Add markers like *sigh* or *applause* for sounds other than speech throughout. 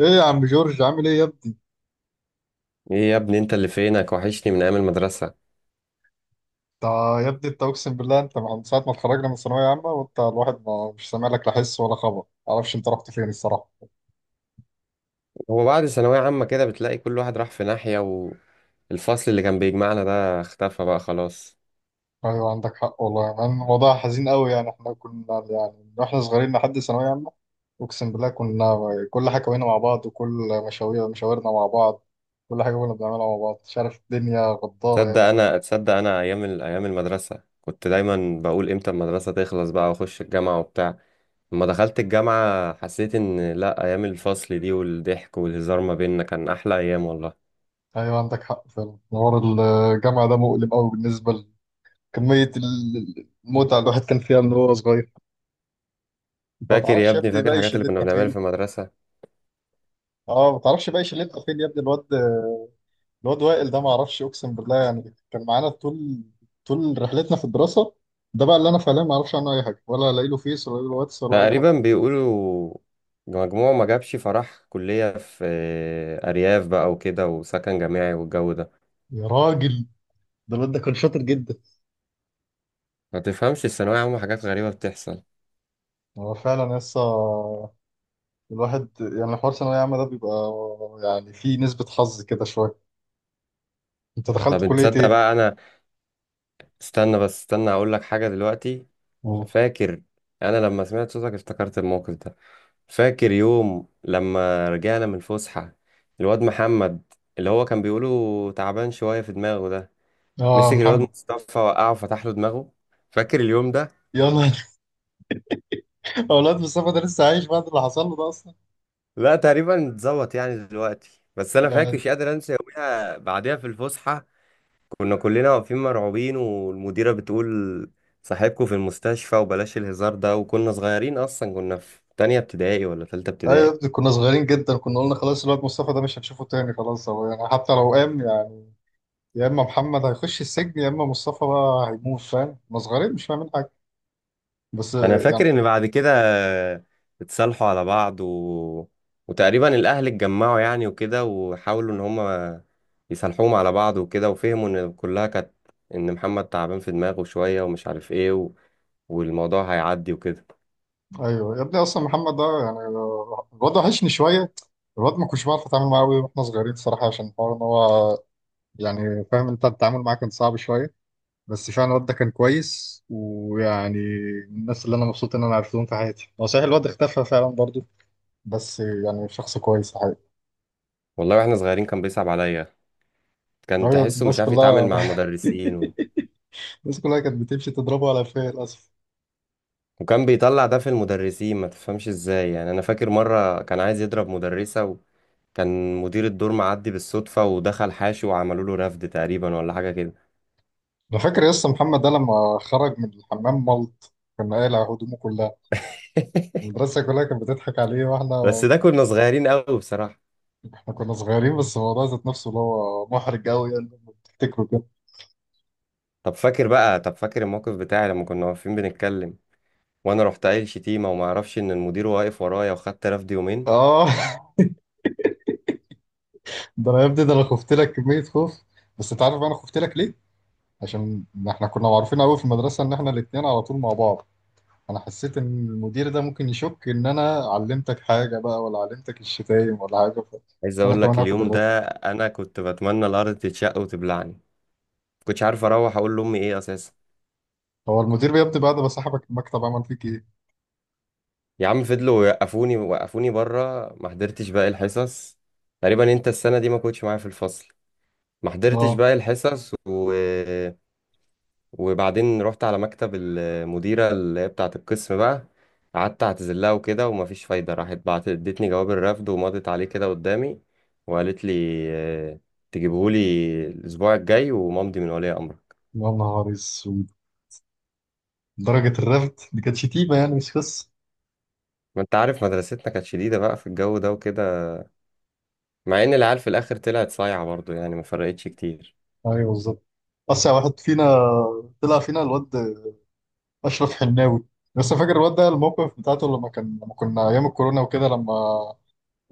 ايه يا عم جورج، عامل ايه يا ابني؟ ايه يا ابني، انت اللي فينك؟ وحشني من ايام المدرسة. انت يا ابني اقسم بالله، انت من ساعه ما اتخرجنا من الثانويه عامه وانت الواحد ما مش سامع لك لا حس ولا خبر. معرفش انت رحت فين الصراحه. هو بعد ثانوية عامة كده بتلاقي كل واحد راح في ناحية، والفصل اللي كان بيجمعنا ده اختفى بقى خلاص. ايوه عندك حق والله يا مان، الموضوع حزين قوي، يعني احنا كنا يعني من واحنا صغيرين لحد ثانويه عامه، اقسم بالله كنا كل حاجه كوينا مع بعض، وكل مشاوير مشاورنا مع بعض، كل حاجه كنا بنعملها مع بعض. مش عارف، الدنيا غداره يا اخي. تصدق انا ايام المدرسة كنت دايما بقول امتى المدرسة تخلص بقى واخش الجامعة وبتاع. لما دخلت الجامعة حسيت ان لا، ايام الفصل دي والضحك والهزار ما بيننا كان احلى ايام والله. ايوه عندك حق فعلا، حوار الجامعه ده مؤلم قوي بالنسبه لكميه المتعه اللي الواحد كان فيها من هو صغير. انت ما فاكر يا تعرفش يا ابني، ابني فاكر باقي الحاجات اللي كنا شلتنا بنعملها في فين؟ المدرسة؟ اه ما تعرفش باقي شلتنا فين يا ابني؟ الواد وائل ده ما اعرفش، اقسم بالله يعني كان معانا طول طول رحلتنا في الدراسه، ده بقى اللي انا فعليا ما اعرفش عنه اي حاجه، ولا الاقي له فيس ولا الاقي له واتس ولا اي حاجه. تقريبا بيقولوا مجموعه ما جابش، فراح كلية في أرياف بقى وكده وسكن جامعي والجو ده. يا راجل، ده الواد ده كان شاطر جدا. ما تفهمش، الثانوية عامة حاجات غريبة بتحصل. هو فعلا لسه الواحد يعني حوار ثانوية عامة ده بيبقى يعني فيه نسبة حظ كده شوية. انت طب دخلت انت كلية تصدق ايه؟ بقى، أنا استنى بس، استنى أقول لك حاجة دلوقتي. اه. فاكر؟ أنا لما سمعت صوتك افتكرت الموقف ده. فاكر يوم لما رجعنا من الفسحة؟ الواد محمد اللي هو كان بيقوله تعبان شوية في دماغه ده، آه، مسك الواد محمد. مصطفى وقعه وفتح له دماغه. فاكر اليوم ده؟ يلا. *laughs* اولاد مصطفى ده لسه عايش بعد اللي حصل له ده اصلا؟ لا تقريبا اتظبط يعني دلوقتي، بس انا فاكر يعني مش قادر انسى يوميها. بعدها في الفسحه كنا كلنا واقفين مرعوبين والمديره بتقول صاحبكم في المستشفى وبلاش الهزار ده، وكنا صغيرين اصلا، كنا في تانية ابتدائي ولا تالتة ايوه يا ابتدائي. ابني، كنا صغيرين جدا، كنا قلنا خلاص الواد مصطفى ده مش هنشوفه تاني، خلاص هو يعني حتى لو قام يعني يا اما محمد هيخش السجن يا اما مصطفى بقى هيموت، فاهم؟ كنا صغيرين مش فاهمين حاجه. بس انا يعني فاكر ان بعد كده اتصالحوا على بعض، و... وتقريبا الاهل اتجمعوا يعني وكده، وحاولوا ان هم يصالحوهم على بعض وكده، وفهموا ان كلها كانت ان محمد تعبان في دماغه شويه ومش عارف ايه، و... والموضوع هيعدي وكده. ايوه يا ابني، اصلا محمد ده يعني الواد وحشني شويه. الواد ما كنتش بعرف اتعامل معاه قوي واحنا صغيرين صراحه، عشان الحوار ان هو يعني، فاهم؟ انت التعامل معاه كان صعب شويه، بس فعلا الواد ده كان كويس ويعني من الناس اللي انا مبسوط ان انا عرفتهم في حياتي. هو صحيح الواد اختفى فعلا برضه، بس يعني شخص كويس. والله واحنا صغيرين كان بيصعب عليا، كان أيوة، تحسه الناس مش عارف يتعامل كلها. مع المدرسين. و... *laughs* الناس كلها كانت بتمشي تضربه على فيه للأسف. وكان بيطلع ده في المدرسين، ما تفهمش ازاي. يعني انا فاكر مرة كان عايز يضرب مدرسة، وكان مدير الدور معدي بالصدفة ودخل حاشي وعملوا له رفد تقريبا ولا حاجة كده. أنا فاكر يا اسطى محمد ده لما خرج من الحمام ملط، كنا قايل على هدومه كلها، *laughs* المدرسة كلها كانت بتضحك عليه. واحنا بس ده كنا صغيرين قوي بصراحة. احنا كنا صغيرين بس الموضوع ذات نفسه اللي هو محرج قوي يعني لما بتفتكره كده. طب فاكر بقى، طب فاكر الموقف بتاعي لما كنا واقفين بنتكلم وانا رحت قايل شتيمة وما اعرفش ان المدير واقف ورايا وخدت رفد يومين. اه. *laughs* ده انا يا ابني، ده انا خفت لك كمية خوف. بس انت عارف انا خفت لك ليه؟ عشان احنا كنا معروفين قوي في المدرسة ان احنا الاتنين على طول مع بعض، انا حسيت ان المدير ده ممكن يشك ان انا علمتك حاجه بقى، ولا علمتك الشتايم ولا حاجه، عايز انا اقول لك كمان هاخد اليوم الرفض. ده انا كنت بتمنى الارض تتشق وتبلعني. كنتش عارف اروح اقول لامي ايه اساسا. هو المدير بيبدأ بعد ما صاحبك المكتب عمل فيك ايه؟ يا عم فضلوا يوقفوني، وقفوني بره، ما حضرتش باقي الحصص. تقريبا انت السنه دي ما كنتش معايا في الفصل. ما حضرتش اه. باقي الحصص، و... وبعدين رحت على مكتب المديره اللي هي بتاعه القسم بقى، قعدت اعتذر لها وكده ومفيش فايده. راحت بعت ادتني جواب الرفض ومضت عليه كده قدامي، وقالت لي آه، تجيبهولي الاسبوع الجاي ومامضي من ولي امرك. يا نهار اسود، درجه الرفض دي كانت شتيمه يعني مش قصه. ما انت عارف مدرستنا كانت شديده بقى في الجو ده وكده، مع ان العيال في الاخر طلعت صايعه برضو يعني، ما فرقتش كتير. ايوه بالظبط. اسرع واحد فينا طلع فينا الواد اشرف حناوي. لسه فاكر الواد ده الموقف بتاعته لما كنا ايام الكورونا وكده، لما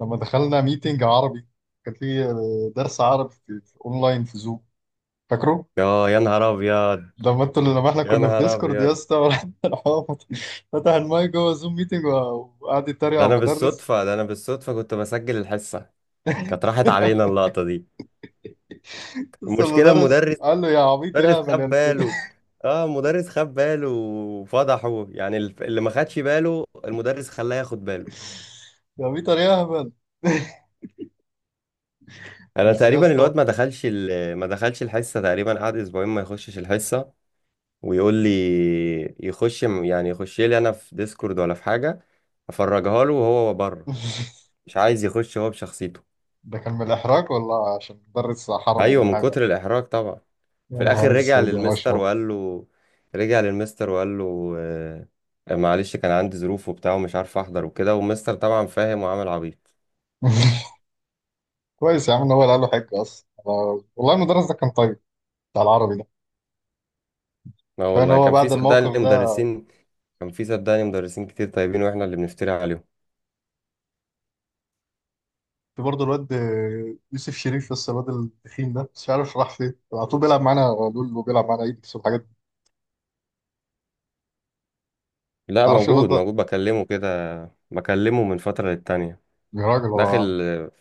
لما دخلنا ميتنج عربي، كان في درس عربي في اونلاين في زوم، فاكره؟ يا نهار ابيض، لما احنا يا كنا في نهار ديسكورد يا ابيض. اسطى، وراح- راح هو فتح المايك جوه زوم ميتنج، وقعد يتريق على المدرس. ده انا بالصدفه كنت بسجل الحصه، كانت راحت علينا *laughs* اللقطه دي. لسه المشكله المدرس قال له يا عبيط يا المدرس هبل خد يا. باله. اه المدرس خد باله وفضحه يعني، اللي ما خدش باله المدرس خلاه ياخد باله. *laughs* يا عبيطر يا هبل. *laughs* انا بس يا تقريبا اسطى. الواد ما دخلش، ما دخلش الحصه، تقريبا قعد اسبوعين ما يخشش الحصه، ويقول لي يخش يعني يخش لي انا في ديسكورد ولا في حاجه افرجها له وهو بره. *laughs* مش عايز يخش هو بشخصيته. ده كان من الإحراج ولا عشان مدرس حرمه ايوه من من حاجة؟ كتر الاحراج طبعا. يا في نهار الاخر رجع أسود يا للمستر أشرف. وقال له، آه، معلش كان عندي ظروف وبتاع ومش عارف احضر وكده، والمستر طبعا فاهم وعامل عبيط. *laughs* كويس يا عم إن هو اللي قال له حاجة أصلا. والله المدرس ده كان طيب، بتاع العربي ده. لا كفاية إن والله هو كان في بعد الموقف صدقني ده. مدرسين، كتير طيبين واحنا اللي بنفتري عليهم. في برضه الواد يوسف شريف، لسه الواد التخين ده بس مش عارف راح فين، على طول بيلعب معانا لول وبيلعب معانا ايدكس والحاجات دي، ما لا تعرفش الواد موجود، ده؟ موجود بكلمه كده، بكلمه من فترة للتانية. يا راجل، داخل هو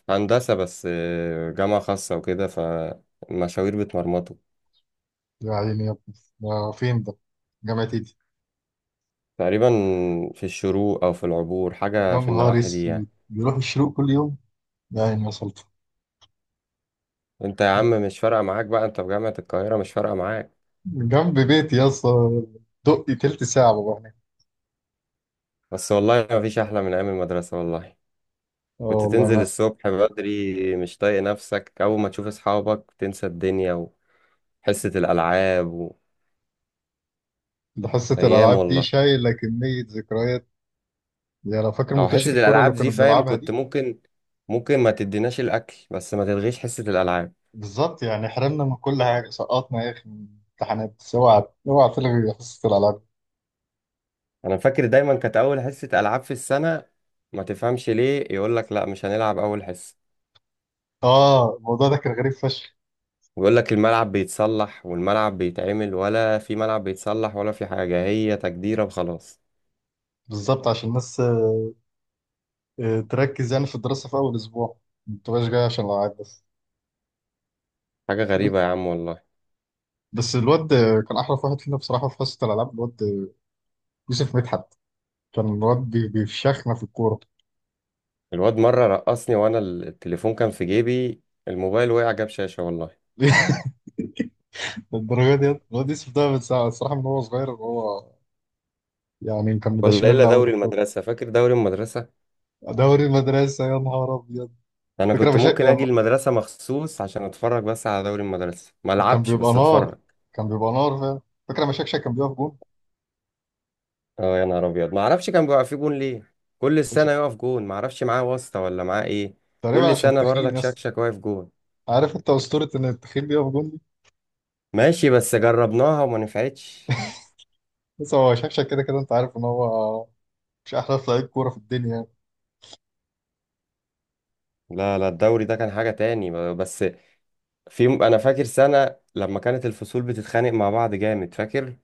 في هندسة بس، جامعة خاصة وكده، فالمشاوير بتمرمطه. يا عيني يا ابني ده فين ده؟ جامعة ايدي؟ تقريبا في الشروق أو في العبور، حاجة يا في نهار النواحي دي يعني. اسود، بيروح الشروق كل يوم! يا عيني يا سلطة. أنت يا عم مش فارقة معاك بقى، أنت في جامعة القاهرة، مش فارقة معاك. جنب بيتي يا اسطى، دقي تلت ساعة بابا هناك. بس والله ما فيش أحلى من أيام المدرسة والله. اه كنت والله تنزل انا، الصبح بدري مش طايق نفسك، أول ما تشوف أصحابك تنسى الدنيا. وحصة الألعاب، ده حصة وأيام الالعاب دي والله. شايلة كمية ذكريات. يا لو فاكر أو حصة متوشة الكرة اللي الألعاب كنا دي فاهم بنلعبها كنت دي. ممكن، ما تديناش الأكل بس ما تلغيش حصة الألعاب. بالظبط، يعني حرمنا من كل حاجه، سقطنا يا اخي من امتحانات، بس اوعى اوعى تلغي حصه الالعاب. انا فاكر دايما كانت اول حصه العاب في السنه، ما تفهمش ليه، يقول لك لا مش هنلعب اول حصه، اه، الموضوع ده كان غريب فشخ. ويقول لك الملعب بيتصلح والملعب بيتعمل، ولا في ملعب بيتصلح ولا في حاجه، هي تجديره وخلاص. بالظبط، عشان الناس تركز يعني في الدراسه في اول اسبوع، ما تبقاش جاي عشان الالعاب بس. حاجه غريبه يا عم والله. بس الواد كان احرف واحد فينا بصراحه في حصه الالعاب، الواد يوسف مدحت، كان الواد بيفشخنا في الكوره. الواد مره رقصني وانا التليفون كان في جيبي، الموبايل وقع جاب شاشه والله. *laughs* الدرجه دي الواد يوسف ده من ساعه الصراحه من هو صغير، هو يعني كان ولا الا مدشملنا قوي في دوري الكوره. المدرسه، فاكر دوري المدرسه؟ دوري المدرسه يا نهار ابيض! انا فكره كنت مشاكل. ممكن اجي المدرسه مخصوص عشان اتفرج بس على دوري المدرسه، ما كان العبش بيبقى بس نار، اتفرج. كان بيبقى نار، فاهم؟ فاكر لما شكشك كان بيقف جون؟ اه يا نهار ابيض، ما اعرفش كان بيبقى في جون ليه. كل عش- سنه يقف جون، ما اعرفش معاه واسطه ولا معاه ايه. تقريبا كل عشان سنه تخين برضك يس. شكشك واقف جون. عارف انت اسطوره ان التخين بيقف جون دي؟ ماشي، بس جربناها وما نفعتش. بس هو شكشك كده كده انت عارف ان هو مش احلى لعيب كوره في الدنيا يعني. لا لا، الدوري ده كان حاجه تاني بس. في، انا فاكر سنه لما كانت الفصول بتتخانق مع بعض جامد، فاكر؟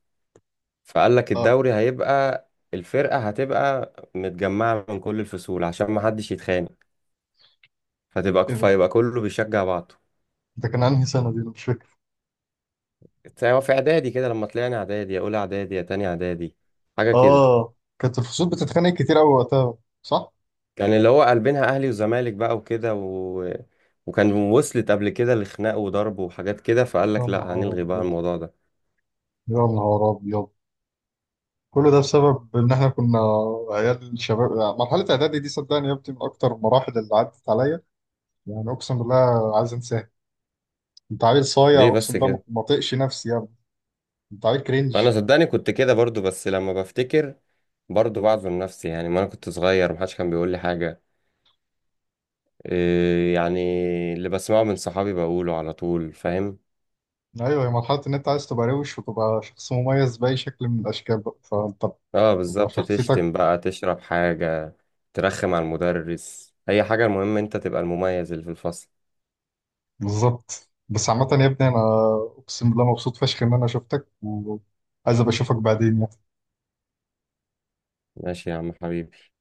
فقال لك اه. الدوري هيبقى، الفرقه هتبقى متجمعه من كل الفصول عشان ما حدش يتخانق، فتبقى ايه ده؟ فيبقى كله بيشجع بعضه. ده كان انهي سنه دي؟ انا مش فاكر. هو في اعدادي كده لما طلعنا اعدادي، يا اولى اعدادي يا تاني اعدادي، حاجه كده. اه كانت الفصول بتتخانق كتير قوي وقتها، صح. كان اللي هو قلبينها اهلي وزمالك بقى وكده، و... وكان وصلت قبل كده لخناق وضرب وحاجات كده، فقال يا لك لا نهار هنلغي بقى ابيض، الموضوع ده. يا نهار ابيض! كل ده بسبب ان احنا كنا عيال شباب. مرحله اعدادي دي صدقني يا ابني من اكتر المراحل اللي عدت عليا، يعني اقسم بالله عايز انساها. انت عيل صايع، ليه اقسم بس بالله ما كده؟ ما طقش نفسي يا ابني، انت عيل كرنج. انا صدقني كنت كده برضو، بس لما بفتكر برضو بعذر نفسي يعني، ما انا كنت صغير محدش كان بيقول لي حاجة. إيه يعني، اللي بسمعه من صحابي بقوله على طول فاهم. ايوه، هي مرحله ان انت عايز تبقى روش وتبقى شخص مميز باي شكل من الاشكال، بقى فانت اه بتبقى بالظبط، شخصيتك. تشتم بقى، تشرب حاجة، ترخم على المدرس، اي حاجة، المهم انت تبقى المميز اللي في الفصل. بالظبط. بس عامه يا ابني انا اقسم بالله مبسوط فشخ ان انا شفتك، وعايز ابقى اشوفك بعدين يعني. ماشي يا عم حبيبي.